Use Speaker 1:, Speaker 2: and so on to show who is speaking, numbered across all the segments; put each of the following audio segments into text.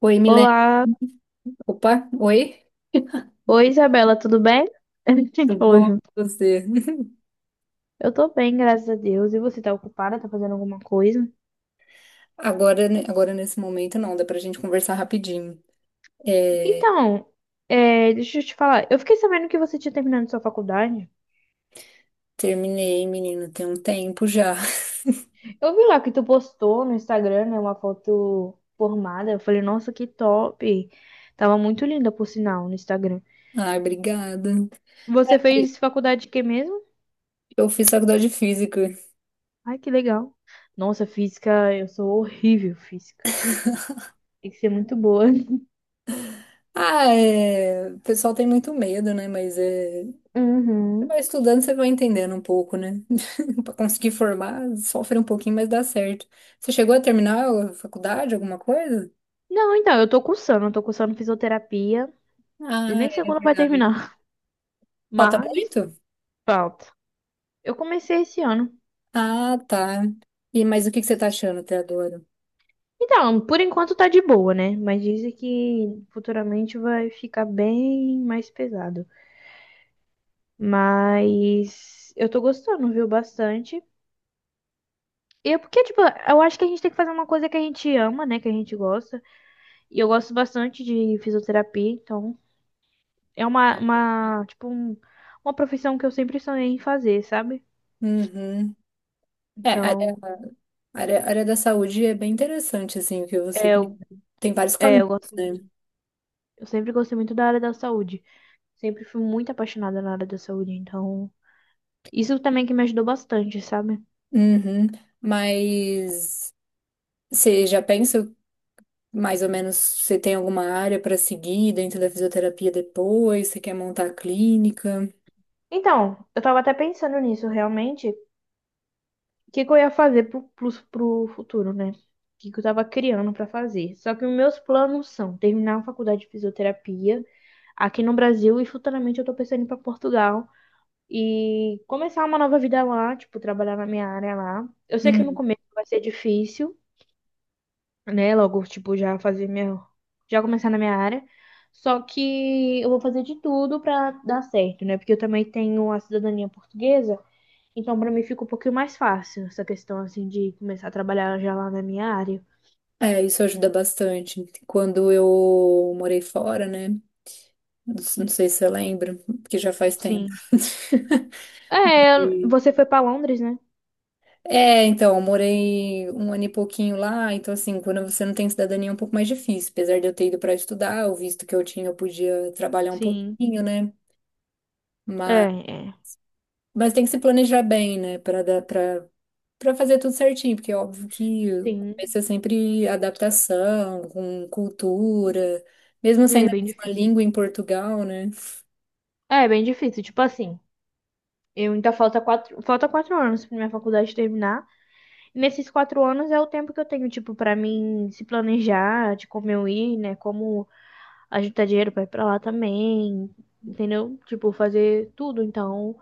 Speaker 1: Oi, Milene.
Speaker 2: Olá,
Speaker 1: Opa, oi.
Speaker 2: oi Isabela, tudo bem? A gente
Speaker 1: Tudo
Speaker 2: falou
Speaker 1: bom com
Speaker 2: junto.
Speaker 1: você?
Speaker 2: Eu tô bem, graças a Deus. E você tá ocupada? Tá fazendo alguma coisa?
Speaker 1: Agora, agora nesse momento não, dá pra gente conversar rapidinho. É,
Speaker 2: Então, deixa eu te falar. Eu fiquei sabendo que você tinha terminado sua faculdade.
Speaker 1: terminei, menino, tem um tempo já.
Speaker 2: Eu vi lá que tu postou no Instagram, né, uma foto formada. Eu falei, nossa, que top. Tava muito linda, por sinal, no Instagram.
Speaker 1: Ai, obrigada.
Speaker 2: Você fez faculdade de quê mesmo?
Speaker 1: Eu fiz faculdade de física.
Speaker 2: Ai, que legal. Nossa, física, eu sou horrível, em física. Tem que ser muito boa.
Speaker 1: Ah, é, o pessoal tem muito medo, né? Mas é, você
Speaker 2: Uhum.
Speaker 1: vai estudando, você vai entendendo um pouco, né? Pra conseguir formar, sofre um pouquinho, mas dá certo. Você chegou a terminar a faculdade, alguma coisa?
Speaker 2: Não, então, eu tô cursando fisioterapia e
Speaker 1: Ah,
Speaker 2: nem sei
Speaker 1: é
Speaker 2: quando vai
Speaker 1: verdade.
Speaker 2: terminar,
Speaker 1: Falta
Speaker 2: mas
Speaker 1: muito?
Speaker 2: falta. Eu comecei esse ano.
Speaker 1: Ah, tá. E, mas o que que você tá achando até agora?
Speaker 2: Então, por enquanto tá de boa, né? Mas dizem que futuramente vai ficar bem mais pesado. Mas eu tô gostando, viu? Bastante. E é porque, tipo, eu acho que a gente tem que fazer uma coisa que a gente ama, né? Que a gente gosta. E eu gosto bastante de fisioterapia, então é uma profissão que eu sempre sonhei em fazer, sabe?
Speaker 1: Uhum. É, a área,
Speaker 2: Então,
Speaker 1: a área da saúde é bem interessante, assim, o que você
Speaker 2: é,
Speaker 1: tem,
Speaker 2: eu
Speaker 1: tem vários
Speaker 2: é,
Speaker 1: caminhos,
Speaker 2: eu gosto
Speaker 1: né?
Speaker 2: muito. Eu sempre gostei muito da área da saúde. Sempre fui muito apaixonada na área da saúde, então. Isso também que me ajudou bastante, sabe?
Speaker 1: Uhum. Mas você já pensa mais ou menos, você tem alguma área para seguir dentro da fisioterapia depois? Você quer montar a clínica?
Speaker 2: Então, eu tava até pensando nisso, realmente. O que que eu ia fazer pro futuro, né? O que que eu tava criando pra fazer. Só que os meus planos são terminar a faculdade de fisioterapia aqui no Brasil e futuramente eu tô pensando em ir pra Portugal e começar uma nova vida lá, tipo, trabalhar na minha área lá. Eu sei que no
Speaker 1: Uhum.
Speaker 2: começo vai ser difícil. Né? Logo, tipo, já fazer minha. Já começar na minha área. Só que eu vou fazer de tudo pra dar certo, né? Porque eu também tenho a cidadania portuguesa, então pra mim fica um pouquinho mais fácil essa questão, assim, de começar a trabalhar já lá na minha área.
Speaker 1: É, isso ajuda bastante. Quando eu morei fora, né? Não sei se você lembra, porque já faz tempo.
Speaker 2: Sim, é, você foi pra Londres, né?
Speaker 1: É, então, eu morei um ano e pouquinho lá, então assim, quando você não tem cidadania é um pouco mais difícil. Apesar de eu ter ido para estudar, o visto que eu tinha, eu podia trabalhar um
Speaker 2: Sim.
Speaker 1: pouquinho, né?
Speaker 2: É,
Speaker 1: Mas,
Speaker 2: é.
Speaker 1: mas tem que se planejar bem, né? Para dar, para fazer tudo certinho, porque é óbvio que o começo
Speaker 2: Sim,
Speaker 1: é sempre adaptação, com cultura, mesmo
Speaker 2: é
Speaker 1: saindo a
Speaker 2: bem
Speaker 1: mesma
Speaker 2: difícil.
Speaker 1: língua em Portugal, né?
Speaker 2: É, bem difícil. Tipo assim, eu ainda falta 4 anos pra minha faculdade terminar. Nesses 4 anos é o tempo que eu tenho, tipo, pra mim se planejar de como eu ir, né? Como ajuntar dinheiro pra ir pra lá também, entendeu? Tipo, fazer tudo. Então,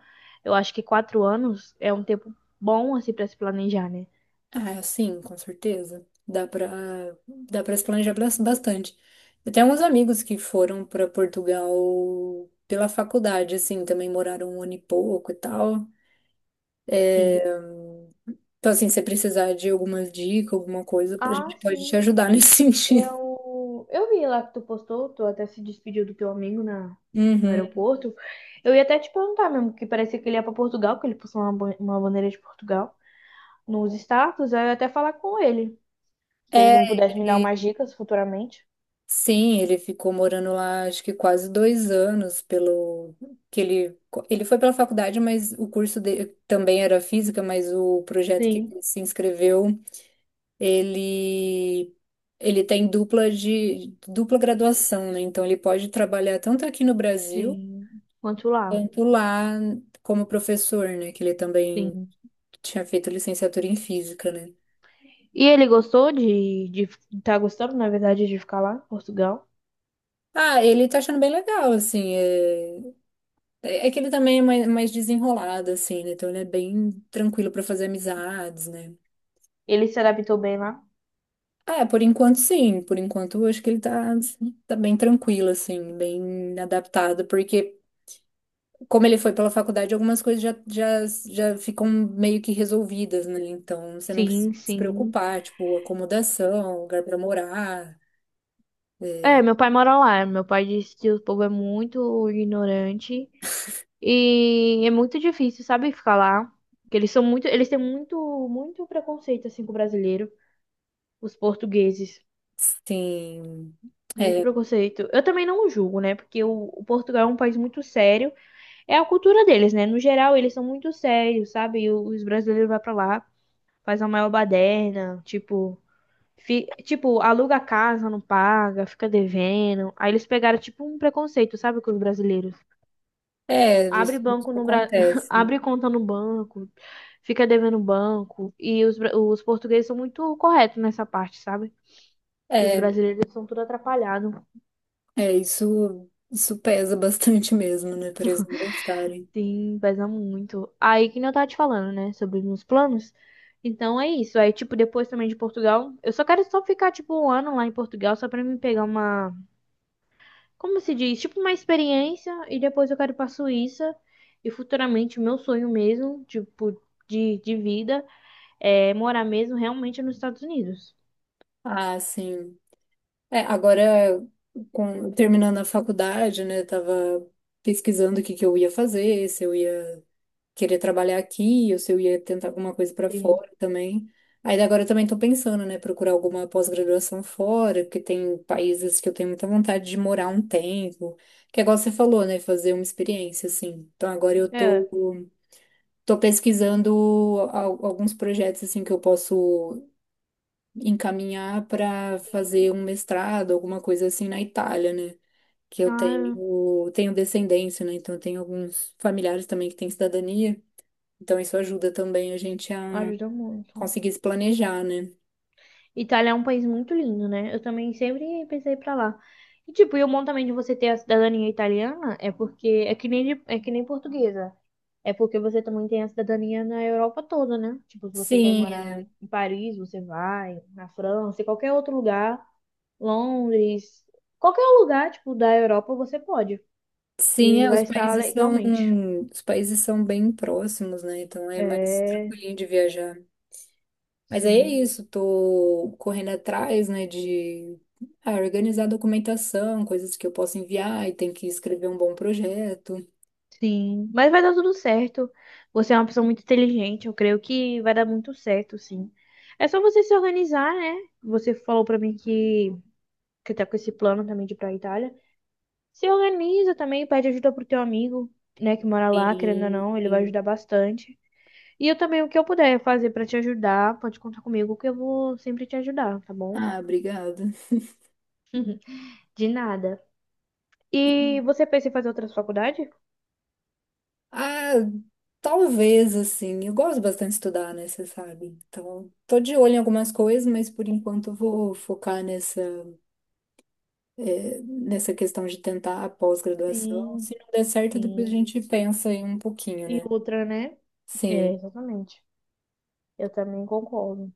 Speaker 2: eu acho que 4 anos é um tempo bom, assim, pra se planejar, né?
Speaker 1: Ah, sim, com certeza. Dá pra se planejar bastante. Eu tenho alguns amigos que foram pra Portugal pela faculdade, assim, também moraram um ano e pouco e tal.
Speaker 2: Sim.
Speaker 1: É, então, assim, se você precisar de alguma dica, alguma coisa, a
Speaker 2: Ah,
Speaker 1: gente pode te
Speaker 2: sim.
Speaker 1: ajudar nesse sentido.
Speaker 2: Eu vi lá que tu postou, tu até se despediu do teu amigo na, no
Speaker 1: Uhum.
Speaker 2: aeroporto. Eu ia até te perguntar mesmo, que parecia que ele ia pra Portugal, que ele postou uma bandeira de Portugal nos status, aí eu ia até falar com ele. Se ele
Speaker 1: É,
Speaker 2: não pudesse me dar umas dicas futuramente.
Speaker 1: sim, ele ficou morando lá, acho que quase dois anos, pelo que ele foi pela faculdade, mas o curso dele também era física, mas o projeto que
Speaker 2: Sim,
Speaker 1: ele se inscreveu, ele ele tem dupla de dupla graduação, né? Então ele pode trabalhar tanto aqui no Brasil
Speaker 2: sim. Quanto lá.
Speaker 1: quanto lá como professor, né? Que ele também
Speaker 2: Sim.
Speaker 1: tinha feito licenciatura em física, né?
Speaker 2: E ele gostou de, de. Tá gostando, na verdade, de ficar lá, em Portugal?
Speaker 1: Ah, ele tá achando bem legal, assim, é... É que ele também é mais, mais desenrolado, assim, né? Então ele é bem tranquilo pra fazer amizades, né?
Speaker 2: Ele se adaptou bem lá.
Speaker 1: Ah, é, por enquanto sim, por enquanto eu acho que ele tá, assim, tá bem tranquilo, assim, bem adaptado, porque como ele foi pela faculdade, algumas coisas já ficam meio que resolvidas, né? Então você não precisa
Speaker 2: Sim,
Speaker 1: se
Speaker 2: sim.
Speaker 1: preocupar, tipo, acomodação, lugar pra morar,
Speaker 2: É,
Speaker 1: é,
Speaker 2: meu pai mora lá. Meu pai disse que o povo é muito ignorante e é muito difícil, sabe, ficar lá. Que eles são muito, muito preconceito assim com o brasileiro, os portugueses,
Speaker 1: sim.
Speaker 2: muito
Speaker 1: É,
Speaker 2: preconceito. Eu também não julgo, né? Porque o Portugal é um país muito sério. É a cultura deles, né? No geral, eles são muito sérios, sabe? E os brasileiros vão pra lá, faz a maior baderna, tipo, aluga a casa, não paga, fica devendo. Aí eles pegaram, tipo, um preconceito, sabe, com os brasileiros.
Speaker 1: é,
Speaker 2: Abre
Speaker 1: isso
Speaker 2: banco no Bra...
Speaker 1: acontece.
Speaker 2: abre conta no banco, fica devendo banco. E os portugueses são muito corretos nessa parte, sabe? Os
Speaker 1: É
Speaker 2: brasileiros são tudo atrapalhados.
Speaker 1: É, isso pesa bastante mesmo, né, para eles não gostarem.
Speaker 2: Sim, pesa muito. Aí que nem eu tava te falando, né, sobre os meus planos. Então é isso. Aí, tipo, depois também de Portugal, eu só quero só ficar, tipo, 1 ano lá em Portugal, só pra me pegar uma, como se diz, tipo, uma experiência. E depois eu quero ir pra Suíça. E futuramente, o meu sonho mesmo, tipo, de vida, é morar mesmo realmente nos Estados Unidos.
Speaker 1: Ah, sim. É, agora, terminando a faculdade, né, tava pesquisando o que que eu ia fazer, se eu ia querer trabalhar aqui, ou se eu ia tentar alguma coisa para
Speaker 2: Sim.
Speaker 1: fora também. Aí agora eu também tô pensando, né, procurar alguma pós-graduação fora, porque tem países que eu tenho muita vontade de morar um tempo, que é igual você falou, né, fazer uma experiência, assim. Então agora eu
Speaker 2: É.
Speaker 1: tô, tô pesquisando alguns projetos assim que eu posso encaminhar para
Speaker 2: Sim.
Speaker 1: fazer um mestrado, alguma coisa assim na Itália, né? Que eu
Speaker 2: Ah,
Speaker 1: tenho, tenho descendência, né? Então eu tenho alguns familiares também que têm cidadania. Então isso ajuda também a gente a
Speaker 2: ajuda muito.
Speaker 1: conseguir se planejar, né?
Speaker 2: Itália é um país muito lindo, né? Eu também sempre pensei pra lá. E tipo, e o bom também de você ter a cidadania italiana é porque é que nem de- é que nem portuguesa. É porque você também tem a cidadania na Europa toda, né? Tipo, se você quer
Speaker 1: Sim,
Speaker 2: morar
Speaker 1: é.
Speaker 2: em Paris, você vai, na França, em qualquer outro lugar, Londres, qualquer lugar, tipo, da Europa, você pode.
Speaker 1: Sim,
Speaker 2: E
Speaker 1: é,
Speaker 2: vai estar legalmente.
Speaker 1: os países são bem próximos, né? Então é mais
Speaker 2: É,
Speaker 1: tranquilinho de viajar. Mas aí é
Speaker 2: sim.
Speaker 1: isso, tô correndo atrás, né, de ah, organizar documentação, coisas que eu posso enviar e tem que escrever um bom projeto.
Speaker 2: Sim, mas vai dar tudo certo. Você é uma pessoa muito inteligente, eu creio que vai dar muito certo, sim. É só você se organizar, né? Você falou pra mim que tá com esse plano também de ir pra Itália. Se organiza também, pede ajuda pro teu amigo, né, que mora lá, querendo ou
Speaker 1: Sim,
Speaker 2: não, ele vai
Speaker 1: sim.
Speaker 2: ajudar bastante. E eu também, o que eu puder fazer pra te ajudar, pode contar comigo, que eu vou sempre te ajudar, tá bom?
Speaker 1: Ah, obrigada.
Speaker 2: De nada. E você pensa em fazer outras faculdades?
Speaker 1: Ah, talvez, assim, eu gosto bastante de estudar, né, você sabe. Então, tô de olho em algumas coisas, mas por enquanto eu vou focar nessa, nessa questão de tentar a pós-graduação.
Speaker 2: Sim,
Speaker 1: Se não der certo, depois a
Speaker 2: sim.
Speaker 1: gente pensa aí um pouquinho,
Speaker 2: E
Speaker 1: né?
Speaker 2: outra, né?
Speaker 1: Sim.
Speaker 2: É, exatamente. Eu também concordo.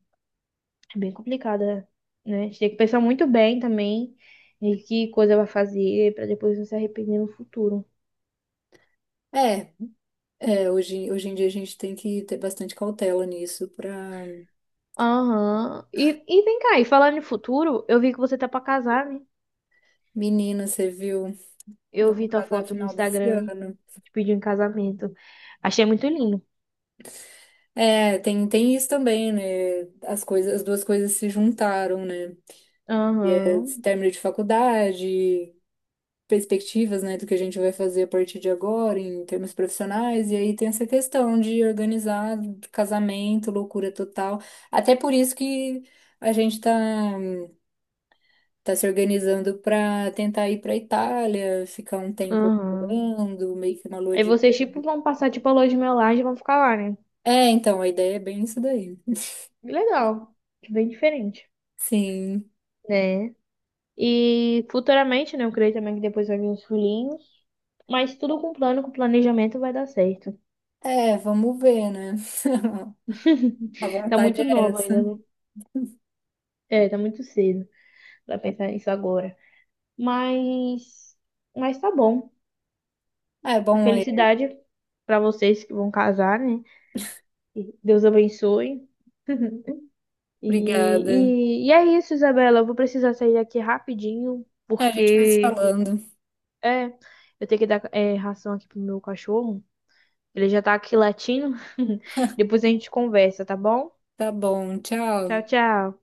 Speaker 2: É bem complicada, né? A gente tem que pensar muito bem também em que coisa vai fazer pra depois não se arrepender no futuro.
Speaker 1: É, é, hoje, hoje em dia a gente tem que ter bastante cautela nisso pra...
Speaker 2: Aham. E vem cá, e falando em futuro, eu vi que você tá pra casar, né?
Speaker 1: Menina, você viu?
Speaker 2: Eu
Speaker 1: Vai
Speaker 2: vi tua
Speaker 1: casar
Speaker 2: foto no
Speaker 1: final desse
Speaker 2: Instagram,
Speaker 1: ano.
Speaker 2: te pediu em casamento. Achei muito lindo.
Speaker 1: É, tem, tem isso também, né? As coisas, as duas coisas se juntaram, né?
Speaker 2: Aham,
Speaker 1: Esse término de faculdade, perspectivas, né, do que a gente vai fazer a partir de agora em termos profissionais, e aí tem essa questão de organizar casamento, loucura total. Até por isso que a gente tá se organizando para tentar ir para Itália, ficar um tempo
Speaker 2: aham.
Speaker 1: morando, meio que uma lua
Speaker 2: Aí
Speaker 1: de
Speaker 2: vocês, tipo,
Speaker 1: mel.
Speaker 2: vão passar, tipo, a lua de mel lá e vão ficar lá, né?
Speaker 1: É, então, a ideia é bem isso daí.
Speaker 2: Legal. Bem diferente,
Speaker 1: Sim.
Speaker 2: né? E futuramente, né? Eu creio também que depois vai vir os filhinhos. Mas tudo com plano, com planejamento vai dar certo.
Speaker 1: É, vamos ver, né? A
Speaker 2: Tá
Speaker 1: vontade
Speaker 2: muito
Speaker 1: é
Speaker 2: nova
Speaker 1: essa.
Speaker 2: ainda, né? É, tá muito cedo pra pensar nisso agora. Mas, mas tá bom.
Speaker 1: É bom, é.
Speaker 2: Felicidade pra vocês que vão casar, né? E Deus abençoe.
Speaker 1: Obrigada.
Speaker 2: E é isso, Isabela. Eu vou precisar sair daqui rapidinho,
Speaker 1: A gente vai se
Speaker 2: porque
Speaker 1: falando.
Speaker 2: é, eu tenho que dar ração aqui pro meu cachorro. Ele já tá aqui latindo. Depois a gente conversa, tá bom?
Speaker 1: Tá bom,
Speaker 2: Tchau,
Speaker 1: tchau.
Speaker 2: tchau.